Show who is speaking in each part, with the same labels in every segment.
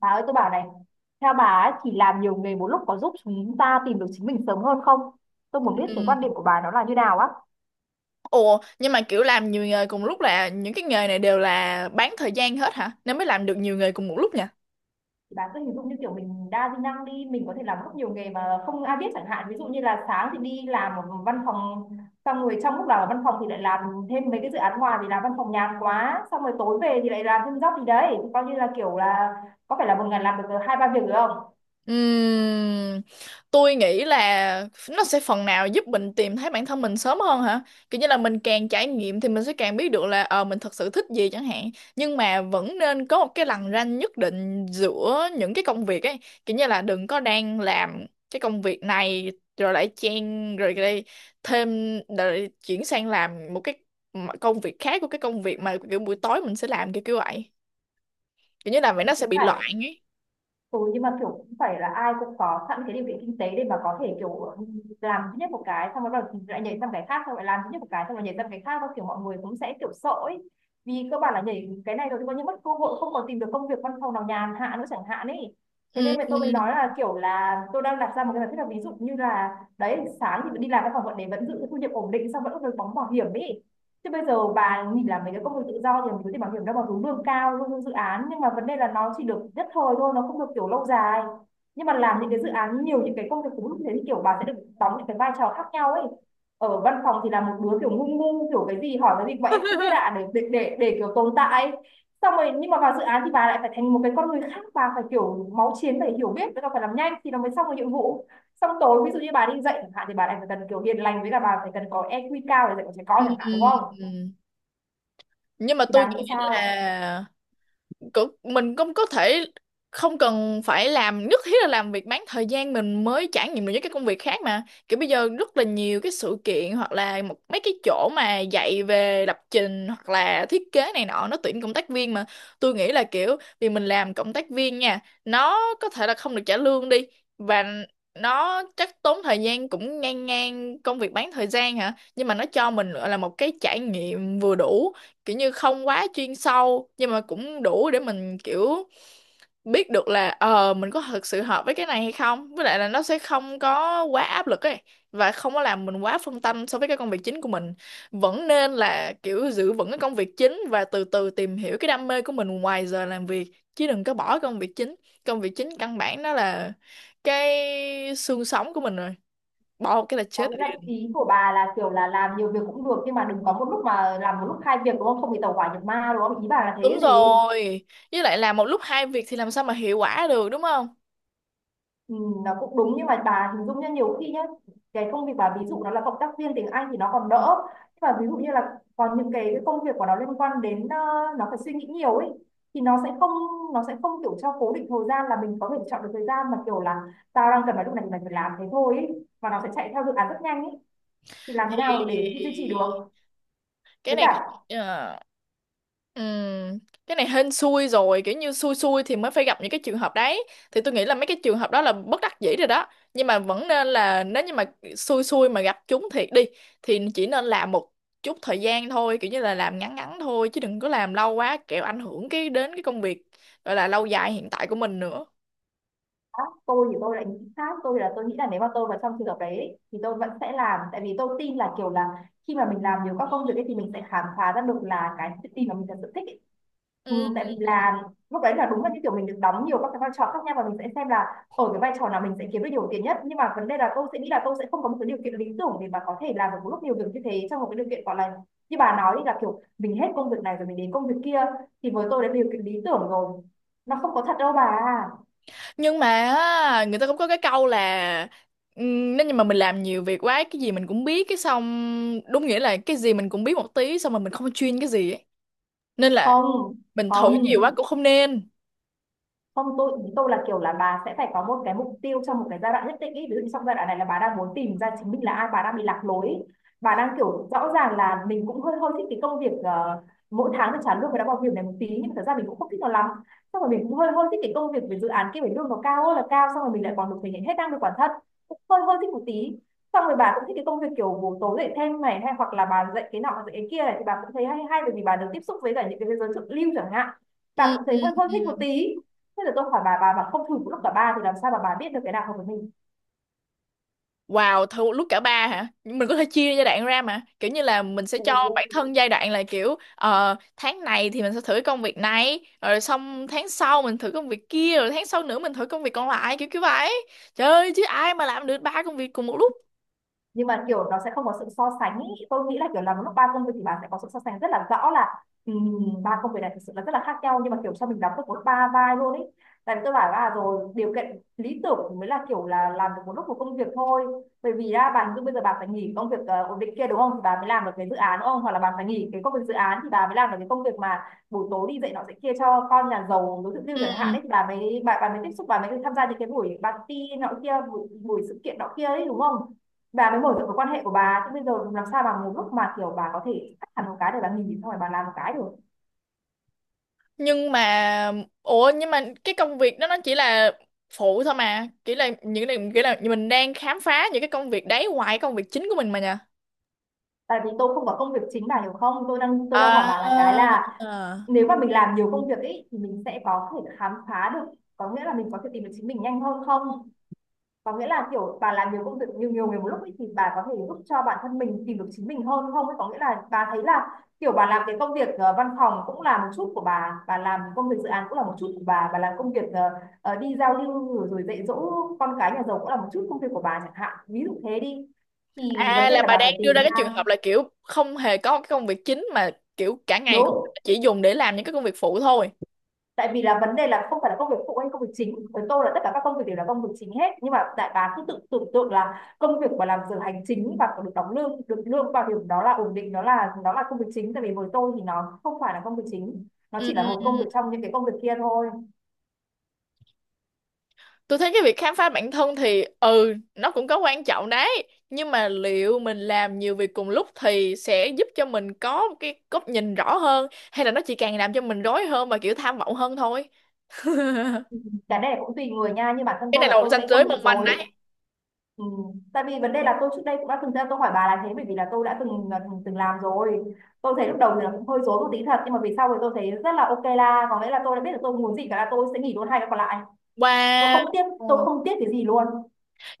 Speaker 1: Bà ơi tôi bảo này, theo bà ấy thì làm nhiều nghề một lúc có giúp chúng ta tìm được chính mình sớm hơn không? Tôi muốn biết cái quan điểm
Speaker 2: Ừ.
Speaker 1: của bà nó là như nào á.
Speaker 2: Ủa, nhưng mà kiểu làm nhiều nghề cùng lúc là những cái nghề này đều là bán thời gian hết hả? Nên mới làm được nhiều nghề cùng một lúc nhỉ?
Speaker 1: Thì bà cứ hình dung như kiểu mình đa di năng đi, mình có thể làm rất nhiều nghề mà không ai biết chẳng hạn. Ví dụ như là sáng thì đi làm ở văn phòng, xong rồi trong lúc làm ở văn phòng thì lại làm thêm mấy cái dự án ngoài vì làm văn phòng nhàn quá. Xong rồi tối về thì lại làm thêm job gì đấy. Coi như là kiểu là có phải là một ngày làm được hai ba việc được không?
Speaker 2: Ừm, tôi nghĩ là nó sẽ phần nào giúp mình tìm thấy bản thân mình sớm hơn hả? Kiểu như là mình càng trải nghiệm thì mình sẽ càng biết được là mình thật sự thích gì chẳng hạn. Nhưng mà vẫn nên có một cái lằn ranh nhất định giữa những cái công việc ấy. Kiểu như là đừng có đang làm cái công việc này rồi lại chen rồi lại thêm rồi chuyển sang làm một cái công việc khác, của cái công việc mà kiểu buổi tối mình sẽ làm, kiểu kiểu vậy. Kiểu như là vậy nó sẽ bị
Speaker 1: Phải.
Speaker 2: loạn ấy.
Speaker 1: Ừ, nhưng mà kiểu cũng phải là ai cũng có sẵn cái điều kiện kinh tế để mà có thể kiểu làm duy nhất một cái xong rồi bắt đầu lại nhảy sang cái khác, xong rồi làm duy nhất một cái xong rồi nhảy sang cái khác, và kiểu mọi người cũng sẽ kiểu sợ ấy, vì cơ bản là nhảy cái này rồi thì coi như mất cơ hội không còn tìm được công việc văn phòng nào nhàn hạ nữa chẳng hạn ấy. Thế
Speaker 2: Ừ,
Speaker 1: nên mà
Speaker 2: ừ.
Speaker 1: tôi mới nói là kiểu là tôi đang đặt ra một cái giả thiết là ví dụ như là đấy, sáng thì đi làm văn phòng vẫn để vẫn giữ thu nhập ổn định, xong vẫn được đóng bảo hiểm ấy. Thế bây giờ bà nghỉ làm mấy cái công việc tự do thì mình có thể bảo hiểm đâu mà hướng lương cao, lương dự án, nhưng mà vấn đề là nó chỉ được nhất thời thôi, nó không được kiểu lâu dài. Nhưng mà làm những cái dự án nhiều, những cái công việc cũng như thế, thì kiểu bà sẽ được đóng những cái vai trò khác nhau ấy. Ở văn phòng thì là một đứa kiểu ngu ngu, kiểu cái gì hỏi cái gì mà em không biết ạ, để kiểu tồn tại ấy. Xong rồi nhưng mà vào dự án thì bà lại phải thành một cái con người khác, bà phải kiểu máu chiến, phải hiểu biết, với cả phải làm nhanh thì nó mới xong được nhiệm vụ. Xong tối ví dụ như bà đi dạy chẳng hạn thì bà lại phải cần kiểu hiền lành, với cả bà phải cần có EQ cao để dạy con trẻ con chẳng hạn, đúng không?
Speaker 2: Ừm, Nhưng mà
Speaker 1: Thì
Speaker 2: tôi
Speaker 1: bà
Speaker 2: nghĩ
Speaker 1: nghĩ sao?
Speaker 2: là mình cũng có thể không cần phải làm nhất thiết là làm việc bán thời gian mình mới trải nghiệm được những cái công việc khác, mà kiểu bây giờ rất là nhiều cái sự kiện hoặc là một mấy cái chỗ mà dạy về lập trình hoặc là thiết kế này nọ nó tuyển cộng tác viên mà. Tôi nghĩ là kiểu vì mình làm cộng tác viên nha, nó có thể là không được trả lương đi, và nó chắc tốn thời gian cũng ngang ngang công việc bán thời gian hả, nhưng mà nó cho mình gọi là một cái trải nghiệm vừa đủ, kiểu như không quá chuyên sâu nhưng mà cũng đủ để mình kiểu biết được là mình có thực sự hợp với cái này hay không, với lại là nó sẽ không có quá áp lực ấy, và không có làm mình quá phân tâm so với cái công việc chính của mình. Vẫn nên là kiểu giữ vững cái công việc chính và từ từ tìm hiểu cái đam mê của mình ngoài giờ làm việc, chứ đừng có bỏ công việc chính. Công việc chính căn bản nó là cái xương sống của mình rồi, bỏ một cái là
Speaker 1: Có
Speaker 2: chết
Speaker 1: nghĩa là
Speaker 2: liền.
Speaker 1: ý của bà là kiểu là làm nhiều việc cũng được nhưng mà đừng có một lúc mà làm một lúc hai việc, đúng không, không bị tẩu hỏa nhập ma, đúng không, ý bà là thế
Speaker 2: Đúng
Speaker 1: gì?
Speaker 2: rồi, với lại làm một lúc hai việc thì làm sao mà hiệu quả được, đúng không?
Speaker 1: Ừ, nó cũng đúng nhưng mà bà hình dung nhá, nhiều khi nhá cái công việc bà ví dụ nó là cộng tác viên tiếng Anh thì nó còn đỡ, nhưng mà ví dụ như là còn những cái công việc của nó liên quan đến nó phải suy nghĩ nhiều ấy, thì nó sẽ không kiểu cho cố định thời gian, là mình có thể chọn được thời gian mà kiểu là tao đang cần vào lúc này thì mình phải làm thế thôi ấy. Và nó sẽ chạy theo dự án rất nhanh ấy, thì làm thế nào để duy
Speaker 2: Ê,
Speaker 1: trì được.
Speaker 2: cái
Speaker 1: Với
Speaker 2: này
Speaker 1: cả
Speaker 2: Ờ, ừm, cái này hên xui rồi, kiểu như xui xui thì mới phải gặp những cái trường hợp đấy. Thì tôi nghĩ là mấy cái trường hợp đó là bất đắc dĩ rồi đó, nhưng mà vẫn nên là nếu như mà xui xui mà gặp chúng thiệt đi thì chỉ nên làm một chút thời gian thôi, kiểu như là làm ngắn ngắn thôi chứ đừng có làm lâu quá kẻo ảnh hưởng cái đến cái công việc gọi là lâu dài hiện tại của mình nữa.
Speaker 1: tôi thì tôi lại nghĩ khác, tôi nghĩ là nếu mà tôi vào trong trường hợp đấy ấy, thì tôi vẫn sẽ làm, tại vì tôi tin là kiểu là khi mà mình làm nhiều các công việc ấy, thì mình sẽ khám phá ra được là cái tự tin mà mình thật sự thích ấy. Ừ, tại vì là lúc đấy là đúng là như kiểu mình được đóng nhiều các cái vai trò khác nhau, và mình sẽ xem là ở cái vai trò nào mình sẽ kiếm được nhiều tiền nhất. Nhưng mà vấn đề là tôi sẽ nghĩ là tôi sẽ không có một cái điều kiện lý tưởng để mà có thể làm được một lúc nhiều việc như thế, trong một cái điều kiện gọi là như bà nói là kiểu mình hết công việc này rồi mình đến công việc kia, thì với tôi đã điều kiện lý tưởng rồi, nó không có thật đâu bà.
Speaker 2: Nhưng mà á, người ta cũng có cái câu là nếu như mà mình làm nhiều việc quá, cái gì mình cũng biết, cái xong đúng nghĩa là cái gì mình cũng biết một tí xong mà mình không chuyên cái gì ấy. Nên là
Speaker 1: không
Speaker 2: mình thử nhiều quá
Speaker 1: không
Speaker 2: cũng không nên.
Speaker 1: không tôi ý tôi là kiểu là bà sẽ phải có một cái mục tiêu trong một cái giai đoạn nhất định ý. Ví dụ như trong giai đoạn này là bà đang muốn tìm ra chính mình là ai, bà đang bị lạc lối ý. Bà đang kiểu rõ ràng là mình cũng hơi hơi thích cái công việc mỗi tháng được trả lương và đã bảo hiểm này một tí, nhưng mà thật ra mình cũng không thích nó lắm. Xong rồi mình cũng hơi hơi thích cái công việc về dự án kia, phải lương nó cao ơi là cao, xong rồi mình lại còn được thể hiện hết năng lực bản thân, cũng hơi hơi thích một tí. Xong rồi bà cũng thích cái công việc kiểu buổi tối dạy thêm này, hay hoặc là bà dạy cái nọ dạy cái kia này, thì bà cũng thấy hay hay bởi vì bà được tiếp xúc với cả những cái giới thượng lưu chẳng hạn, bà
Speaker 2: Ừm,
Speaker 1: cũng thấy
Speaker 2: ừm,
Speaker 1: hơi hơi thích một
Speaker 2: ừm.
Speaker 1: tí. Thế là tôi hỏi bà mà không thử lúc cả ba thì làm sao mà bà biết được cái nào hợp với
Speaker 2: Wow, thử một lúc cả ba hả? Nhưng mình có thể chia giai đoạn ra mà, kiểu như là mình sẽ cho bản
Speaker 1: mình?
Speaker 2: thân giai đoạn là kiểu tháng này thì mình sẽ thử cái công việc này, rồi xong tháng sau mình thử công việc kia, rồi tháng sau nữa mình thử công việc còn lại, kiểu kiểu vậy. Trời ơi chứ ai mà làm được ba công việc cùng một lúc?
Speaker 1: Nhưng mà kiểu nó sẽ không có sự so sánh ý. Tôi nghĩ là kiểu làm lúc ba công việc thì bạn sẽ có sự so sánh rất là rõ, là ba công việc này thực sự là rất là khác nhau, nhưng mà kiểu sao mình đóng được một ba vai luôn ấy. Tại vì tôi bảo là à, rồi điều kiện lý tưởng thì mới là kiểu là làm được một lúc một công việc thôi, bởi vì ra bạn như bây giờ bạn phải nghỉ công việc ổn định kia đúng không, thì bà mới làm được cái dự án đúng không, hoặc là bạn phải nghỉ cái công việc dự án thì bà mới làm được cái công việc mà buổi tối đi dạy nọ dạy kia cho con nhà giàu đối tượng tiêu chẳng hạn
Speaker 2: Ừ.
Speaker 1: ấy, thì bà mới tiếp xúc, bà mới tham gia những cái buổi party nọ kia, buổi sự kiện nọ kia ấy đúng không, bà mới mở rộng cái quan hệ của bà. Chứ bây giờ làm sao bà một lúc mà kiểu bà có thể cắt hẳn một cái để bà nghỉ xong rồi bà làm một cái được.
Speaker 2: Nhưng mà nhưng mà cái công việc đó nó chỉ là phụ thôi mà, chỉ là những cái kiểu là mình đang khám phá những cái công việc đấy ngoài công việc chính của mình mà nha.
Speaker 1: Tại vì tôi không có công việc chính, bà hiểu không, tôi đang hỏi bà là cái
Speaker 2: À,
Speaker 1: là nếu mà mình làm nhiều công việc ấy thì mình sẽ có thể khám phá được, có nghĩa là mình có thể tìm được chính mình nhanh hơn không, có nghĩa là kiểu bà làm nhiều công việc nhiều nhiều người một lúc ấy, thì bà có thể giúp cho bản thân mình tìm được chính mình hơn không ấy, có nghĩa là bà thấy là kiểu bà làm cái công việc văn phòng cũng là một chút của bà làm công việc dự án cũng là một chút của bà làm công việc đi giao lưu rồi, rồi dạy dỗ con cái nhà giàu cũng là một chút công việc của bà chẳng hạn, ví dụ thế đi, thì vấn
Speaker 2: à,
Speaker 1: đề
Speaker 2: là
Speaker 1: là
Speaker 2: bà
Speaker 1: bà
Speaker 2: đang
Speaker 1: phải tìm
Speaker 2: đưa ra cái trường
Speaker 1: ra.
Speaker 2: hợp là kiểu không hề có cái công việc chính, mà kiểu cả ngày
Speaker 1: Đúng.
Speaker 2: chỉ dùng để làm những cái công việc phụ thôi.
Speaker 1: Tại vì là vấn đề là không phải là công việc phụ hay công việc chính, với tôi là tất cả các công việc đều là công việc chính hết, nhưng mà đại bá cứ tự tưởng tượng là công việc mà làm giờ hành chính và được đóng lương, được lương bảo hiểm, đó là ổn định, nó là công việc chính. Tại vì với tôi thì nó không phải là công việc chính, nó
Speaker 2: Ừ.
Speaker 1: chỉ là một công việc trong những cái công việc kia thôi.
Speaker 2: Tôi thấy cái việc khám phá bản thân thì ừ nó cũng có quan trọng đấy, nhưng mà liệu mình làm nhiều việc cùng lúc thì sẽ giúp cho mình có một cái góc nhìn rõ hơn, hay là nó chỉ càng làm cho mình rối hơn và kiểu tham vọng hơn thôi?
Speaker 1: Cái này cũng tùy người nha, nhưng bản thân
Speaker 2: Cái
Speaker 1: tôi
Speaker 2: này là
Speaker 1: là
Speaker 2: một
Speaker 1: tôi
Speaker 2: ranh
Speaker 1: sẽ không
Speaker 2: giới
Speaker 1: bị
Speaker 2: mong manh đấy.
Speaker 1: rối. Ừ. Tại vì vấn đề là tôi trước đây cũng đã từng ra tôi hỏi bà là thế. Bởi vì là tôi đã từng từng làm rồi. Tôi thấy lúc đầu thì là cũng hơi rối một tí thật, nhưng mà về sau thì tôi thấy rất là ok la, có nghĩa là tôi đã biết được tôi muốn gì, cả là tôi sẽ nghỉ luôn hai cái còn lại. Tôi
Speaker 2: Wow,
Speaker 1: không tiếc, tôi không tiếc cái gì luôn.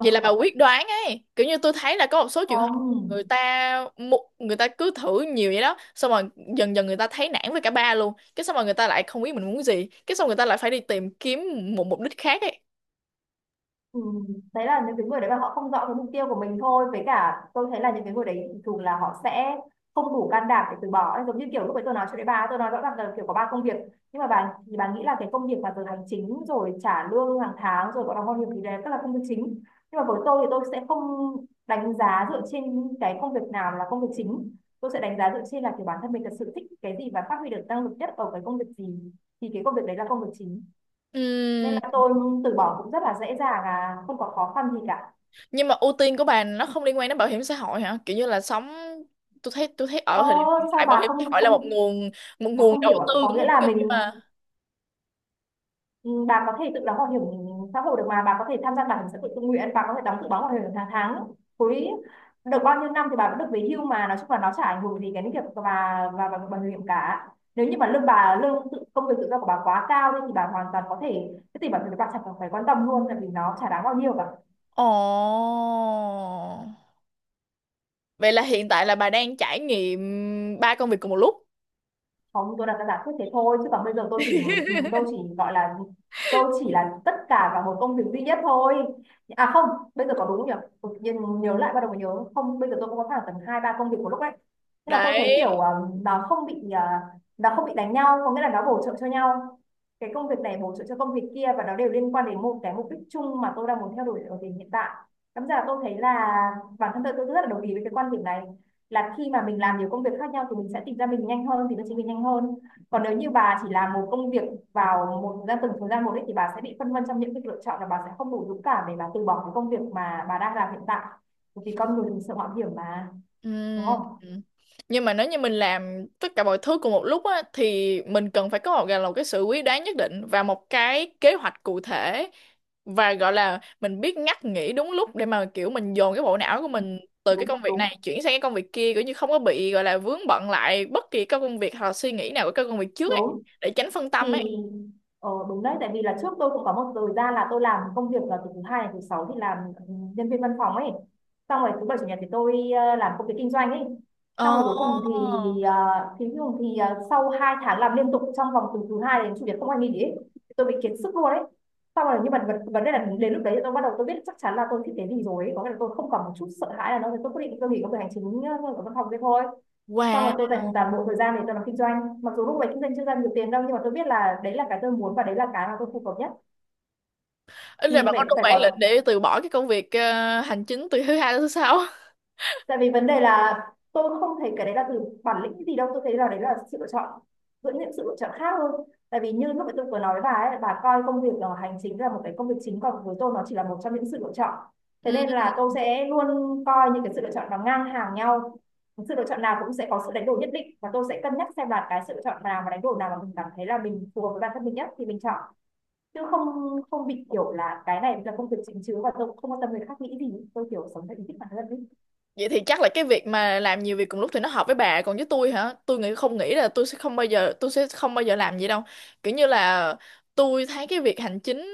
Speaker 2: vậy là bà quyết đoán ấy. Kiểu như tôi thấy là có một số trường hợp người
Speaker 1: Không.
Speaker 2: ta người ta cứ thử nhiều vậy đó, xong rồi dần dần người ta thấy nản với cả ba luôn, cái xong rồi người ta lại không biết mình muốn gì, cái xong người ta lại phải đi tìm kiếm một mục đích khác ấy.
Speaker 1: Ừ. Đấy là những cái người đấy mà họ không rõ cái mục tiêu của mình thôi, với cả tôi thấy là những cái người đấy thường là họ sẽ không đủ can đảm để từ bỏ ấy. Giống như kiểu lúc ấy tôi nói cho đấy, bà tôi nói rõ ràng là kiểu có ba công việc, nhưng mà bà thì bà nghĩ là cái công việc mà giờ hành chính rồi trả lương hàng tháng rồi có đóng bảo hiểm thì đấy tức là công việc chính. Nhưng mà với tôi thì tôi sẽ không đánh giá dựa trên cái công việc nào là công việc chính, tôi sẽ đánh giá dựa trên là kiểu bản thân mình thật sự thích cái gì và phát huy được năng lực nhất ở cái công việc gì, thì cái công việc đấy là công việc chính. Nên là
Speaker 2: Ừm,
Speaker 1: tôi từ bỏ cũng rất là dễ dàng, à không có khó khăn gì cả.
Speaker 2: nhưng mà ưu tiên của bà nó không liên quan đến bảo hiểm xã hội hả? Kiểu như là sống, tôi thấy, tôi thấy ở
Speaker 1: Ơ,
Speaker 2: thời điểm hiện
Speaker 1: sao
Speaker 2: tại bảo
Speaker 1: bà
Speaker 2: hiểm xã
Speaker 1: không
Speaker 2: hội là một
Speaker 1: không
Speaker 2: nguồn, một
Speaker 1: bà
Speaker 2: nguồn
Speaker 1: không
Speaker 2: đầu
Speaker 1: hiểu ạ,
Speaker 2: tư
Speaker 1: có
Speaker 2: cũng
Speaker 1: nghĩa là
Speaker 2: ok
Speaker 1: mình,
Speaker 2: mà.
Speaker 1: ừ, bà có thể tự đóng bảo hiểm xã hội được mà, bà có thể tham gia bảo hiểm xã hội tự nguyện, bà có thể đóng tự đóng bảo hiểm hàng tháng, cuối được bao nhiêu năm thì bà vẫn được về hưu mà. Nói chung là nó chả ảnh hưởng gì cái việc và bà bảo hiểm cả. Nếu như mà lương bà lương tự, công việc tự do của bà quá cao thì bà hoàn toàn có thể cái tiền bảo hiểm bà chẳng cần phải quan tâm luôn, tại vì nó chả đáng bao nhiêu cả.
Speaker 2: Ồ, vậy là hiện tại là bà đang trải nghiệm ba công việc cùng một lúc
Speaker 1: Không, tôi đặt ra giả thuyết thế thôi, chứ còn bây giờ tôi chỉ, tôi chỉ gọi là, tôi chỉ là tất cả vào một công việc duy nhất thôi. À không, bây giờ có đúng không nhỉ? Tự nhiên nhớ lại bắt đầu mới nhớ, không bây giờ tôi cũng có khoảng tầm hai ba công việc một lúc ấy. Nhưng mà tôi thấy kiểu
Speaker 2: đấy.
Speaker 1: nó không bị nó không bị đánh nhau, có nghĩa là nó bổ trợ cho nhau. Cái công việc này bổ trợ cho công việc kia và nó đều liên quan đến một cái mục đích chung mà tôi đang muốn theo đuổi ở thời điểm hiện tại. Cảm ra là tôi thấy là bản thân tôi rất là đồng ý với cái quan điểm này, là khi mà mình làm nhiều công việc khác nhau thì mình sẽ tìm ra mình nhanh hơn, tìm ra chính mình nhanh hơn. Còn nếu như bà chỉ làm một công việc vào một ra từng thời gian một ấy, thì bà sẽ bị phân vân trong những cái lựa chọn, là bà sẽ không đủ dũng cảm để bà từ bỏ cái công việc mà bà đang làm hiện tại, vì con người mình sợ mạo hiểm mà, đúng
Speaker 2: Ừm,
Speaker 1: không?
Speaker 2: Nhưng mà nếu như mình làm tất cả mọi thứ cùng một lúc á, thì mình cần phải có một, gọi là một cái sự quyết đoán nhất định và một cái kế hoạch cụ thể, và gọi là mình biết ngắt nghỉ đúng lúc để mà kiểu mình dồn cái bộ não của mình từ cái
Speaker 1: Đúng
Speaker 2: công việc
Speaker 1: đúng,
Speaker 2: này chuyển sang cái công việc kia, kiểu như không có bị gọi là vướng bận lại bất kỳ các công việc hoặc là suy nghĩ nào của các công việc trước ấy,
Speaker 1: đúng.
Speaker 2: để tránh phân tâm ấy.
Speaker 1: Thì đúng đấy, tại vì là trước tôi cũng có một thời gian là tôi làm công việc là từ thứ hai đến thứ sáu thì làm, ừ, nhân viên văn phòng ấy. Xong rồi thứ bảy chủ nhật thì tôi làm công việc kinh doanh ấy.
Speaker 2: Ồ.
Speaker 1: Xong rồi cuối cùng thì cuối cùng thì sau hai tháng làm liên tục trong vòng từ thứ hai đến chủ nhật không ai nghỉ ấy, thì tôi bị kiệt sức luôn ấy. Xong rồi nhưng mà vấn vấn đề là đến lúc đấy thì tôi bắt đầu tôi biết chắc chắn là tôi thích cái gì rồi ấy. Có nghĩa là tôi không còn một chút sợ hãi nào nữa, tôi quyết định tôi nghỉ công việc hành chính ở văn phòng kia thôi. Xong rồi
Speaker 2: Wow.
Speaker 1: tôi dành toàn bộ thời gian để tôi làm kinh doanh, mặc dù lúc đấy kinh doanh chưa ra nhiều tiền đâu, nhưng mà tôi biết là đấy là cái tôi muốn và đấy là cái mà tôi phù hợp nhất.
Speaker 2: Ý là
Speaker 1: Thì
Speaker 2: bạn có
Speaker 1: phải
Speaker 2: đủ
Speaker 1: phải
Speaker 2: bản lĩnh
Speaker 1: có.
Speaker 2: để từ bỏ cái công việc hành chính từ thứ hai đến thứ sáu.
Speaker 1: Tại vì vấn đề là tôi không thấy cái đấy là từ bản lĩnh gì đâu, tôi thấy là đấy là sự lựa chọn giữa những sự lựa chọn khác hơn. Tại vì như lúc nãy tôi vừa nói với bà ấy, bà coi công việc hành chính là một cái công việc chính, còn với tôi nó chỉ là một trong những sự lựa chọn. Thế nên là tôi sẽ luôn coi những cái sự lựa chọn nó ngang hàng nhau. Sự lựa chọn nào cũng sẽ có sự đánh đổi nhất định, và tôi sẽ cân nhắc xem là cái sự lựa chọn nào và đánh đổi nào mà mình cảm thấy là mình phù hợp với bản thân mình nhất thì mình chọn. Chứ không không bị kiểu là cái này là công việc chính chứ, và tôi không quan tâm người khác nghĩ gì, tôi kiểu sống theo ý thích bản thân mình.
Speaker 2: Vậy thì chắc là cái việc mà làm nhiều việc cùng lúc thì nó hợp với bà, còn với tôi hả? Tôi nghĩ Không nghĩ là tôi sẽ không bao giờ, tôi sẽ không bao giờ làm gì đâu. Kiểu như là tôi thấy cái việc hành chính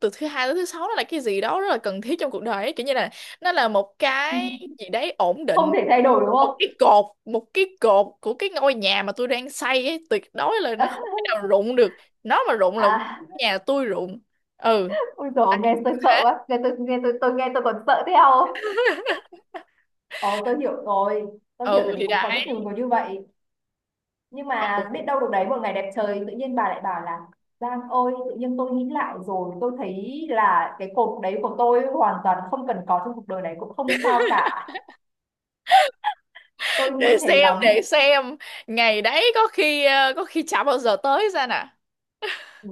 Speaker 2: từ thứ hai tới thứ sáu nó là cái gì đó rất là cần thiết trong cuộc đời ấy. Kiểu như là nó là một cái gì đấy ổn
Speaker 1: Không
Speaker 2: định,
Speaker 1: thể thay đổi đúng không?
Speaker 2: một cái cột của cái ngôi nhà mà tôi đang xây ấy, tuyệt đối là
Speaker 1: À.
Speaker 2: nó không thể nào rụng được. Nó mà rụng là
Speaker 1: À,
Speaker 2: nhà tôi rụng. Ừ,
Speaker 1: ôi dồi
Speaker 2: đấy,
Speaker 1: nghe
Speaker 2: như
Speaker 1: tôi sợ
Speaker 2: thế.
Speaker 1: quá, nghe tôi nghe tôi nghe tôi còn sợ theo. Ồ tôi hiểu rồi, tôi hiểu, tại
Speaker 2: Ừ
Speaker 1: vì
Speaker 2: thì
Speaker 1: cũng có rất
Speaker 2: đấy.
Speaker 1: nhiều người như vậy. Nhưng
Speaker 2: Ừ,
Speaker 1: mà biết đâu được đấy, một ngày đẹp trời tự nhiên bà lại bảo là Giang ơi, tự nhiên tôi nghĩ lại rồi, tôi thấy là cái cột đấy của tôi hoàn toàn không cần có trong cuộc đời này cũng không sao cả. Tôi nghĩ
Speaker 2: để
Speaker 1: thế
Speaker 2: xem,
Speaker 1: lắm.
Speaker 2: để xem ngày đấy, có khi chả bao giờ tới ra nè.
Speaker 1: Ừ,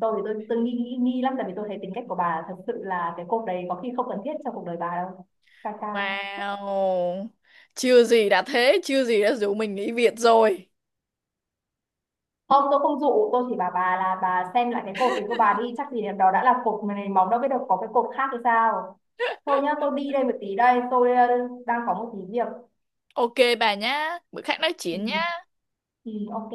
Speaker 1: tôi thì tôi nghi nghi nghi lắm, tại vì tôi thấy tính cách của bà thật sự là cái cột đấy có khi không cần thiết trong cuộc đời bà đâu. Ca ca.
Speaker 2: Wow, chưa gì đã thế, chưa gì đã rủ mình nghỉ việc rồi.
Speaker 1: Không, tôi không dụ, tôi chỉ bảo bà là bà xem lại cái cột thì của bà đi, chắc gì đó đã là cột mà này móng, đâu biết được có cái cột khác hay sao. Thôi nhá, tôi đi đây một tí đây, tôi đang có một tí việc.
Speaker 2: Ok bà nhá, bữa khác nói
Speaker 1: Ừ,
Speaker 2: chuyện nhá.
Speaker 1: ừ, ok.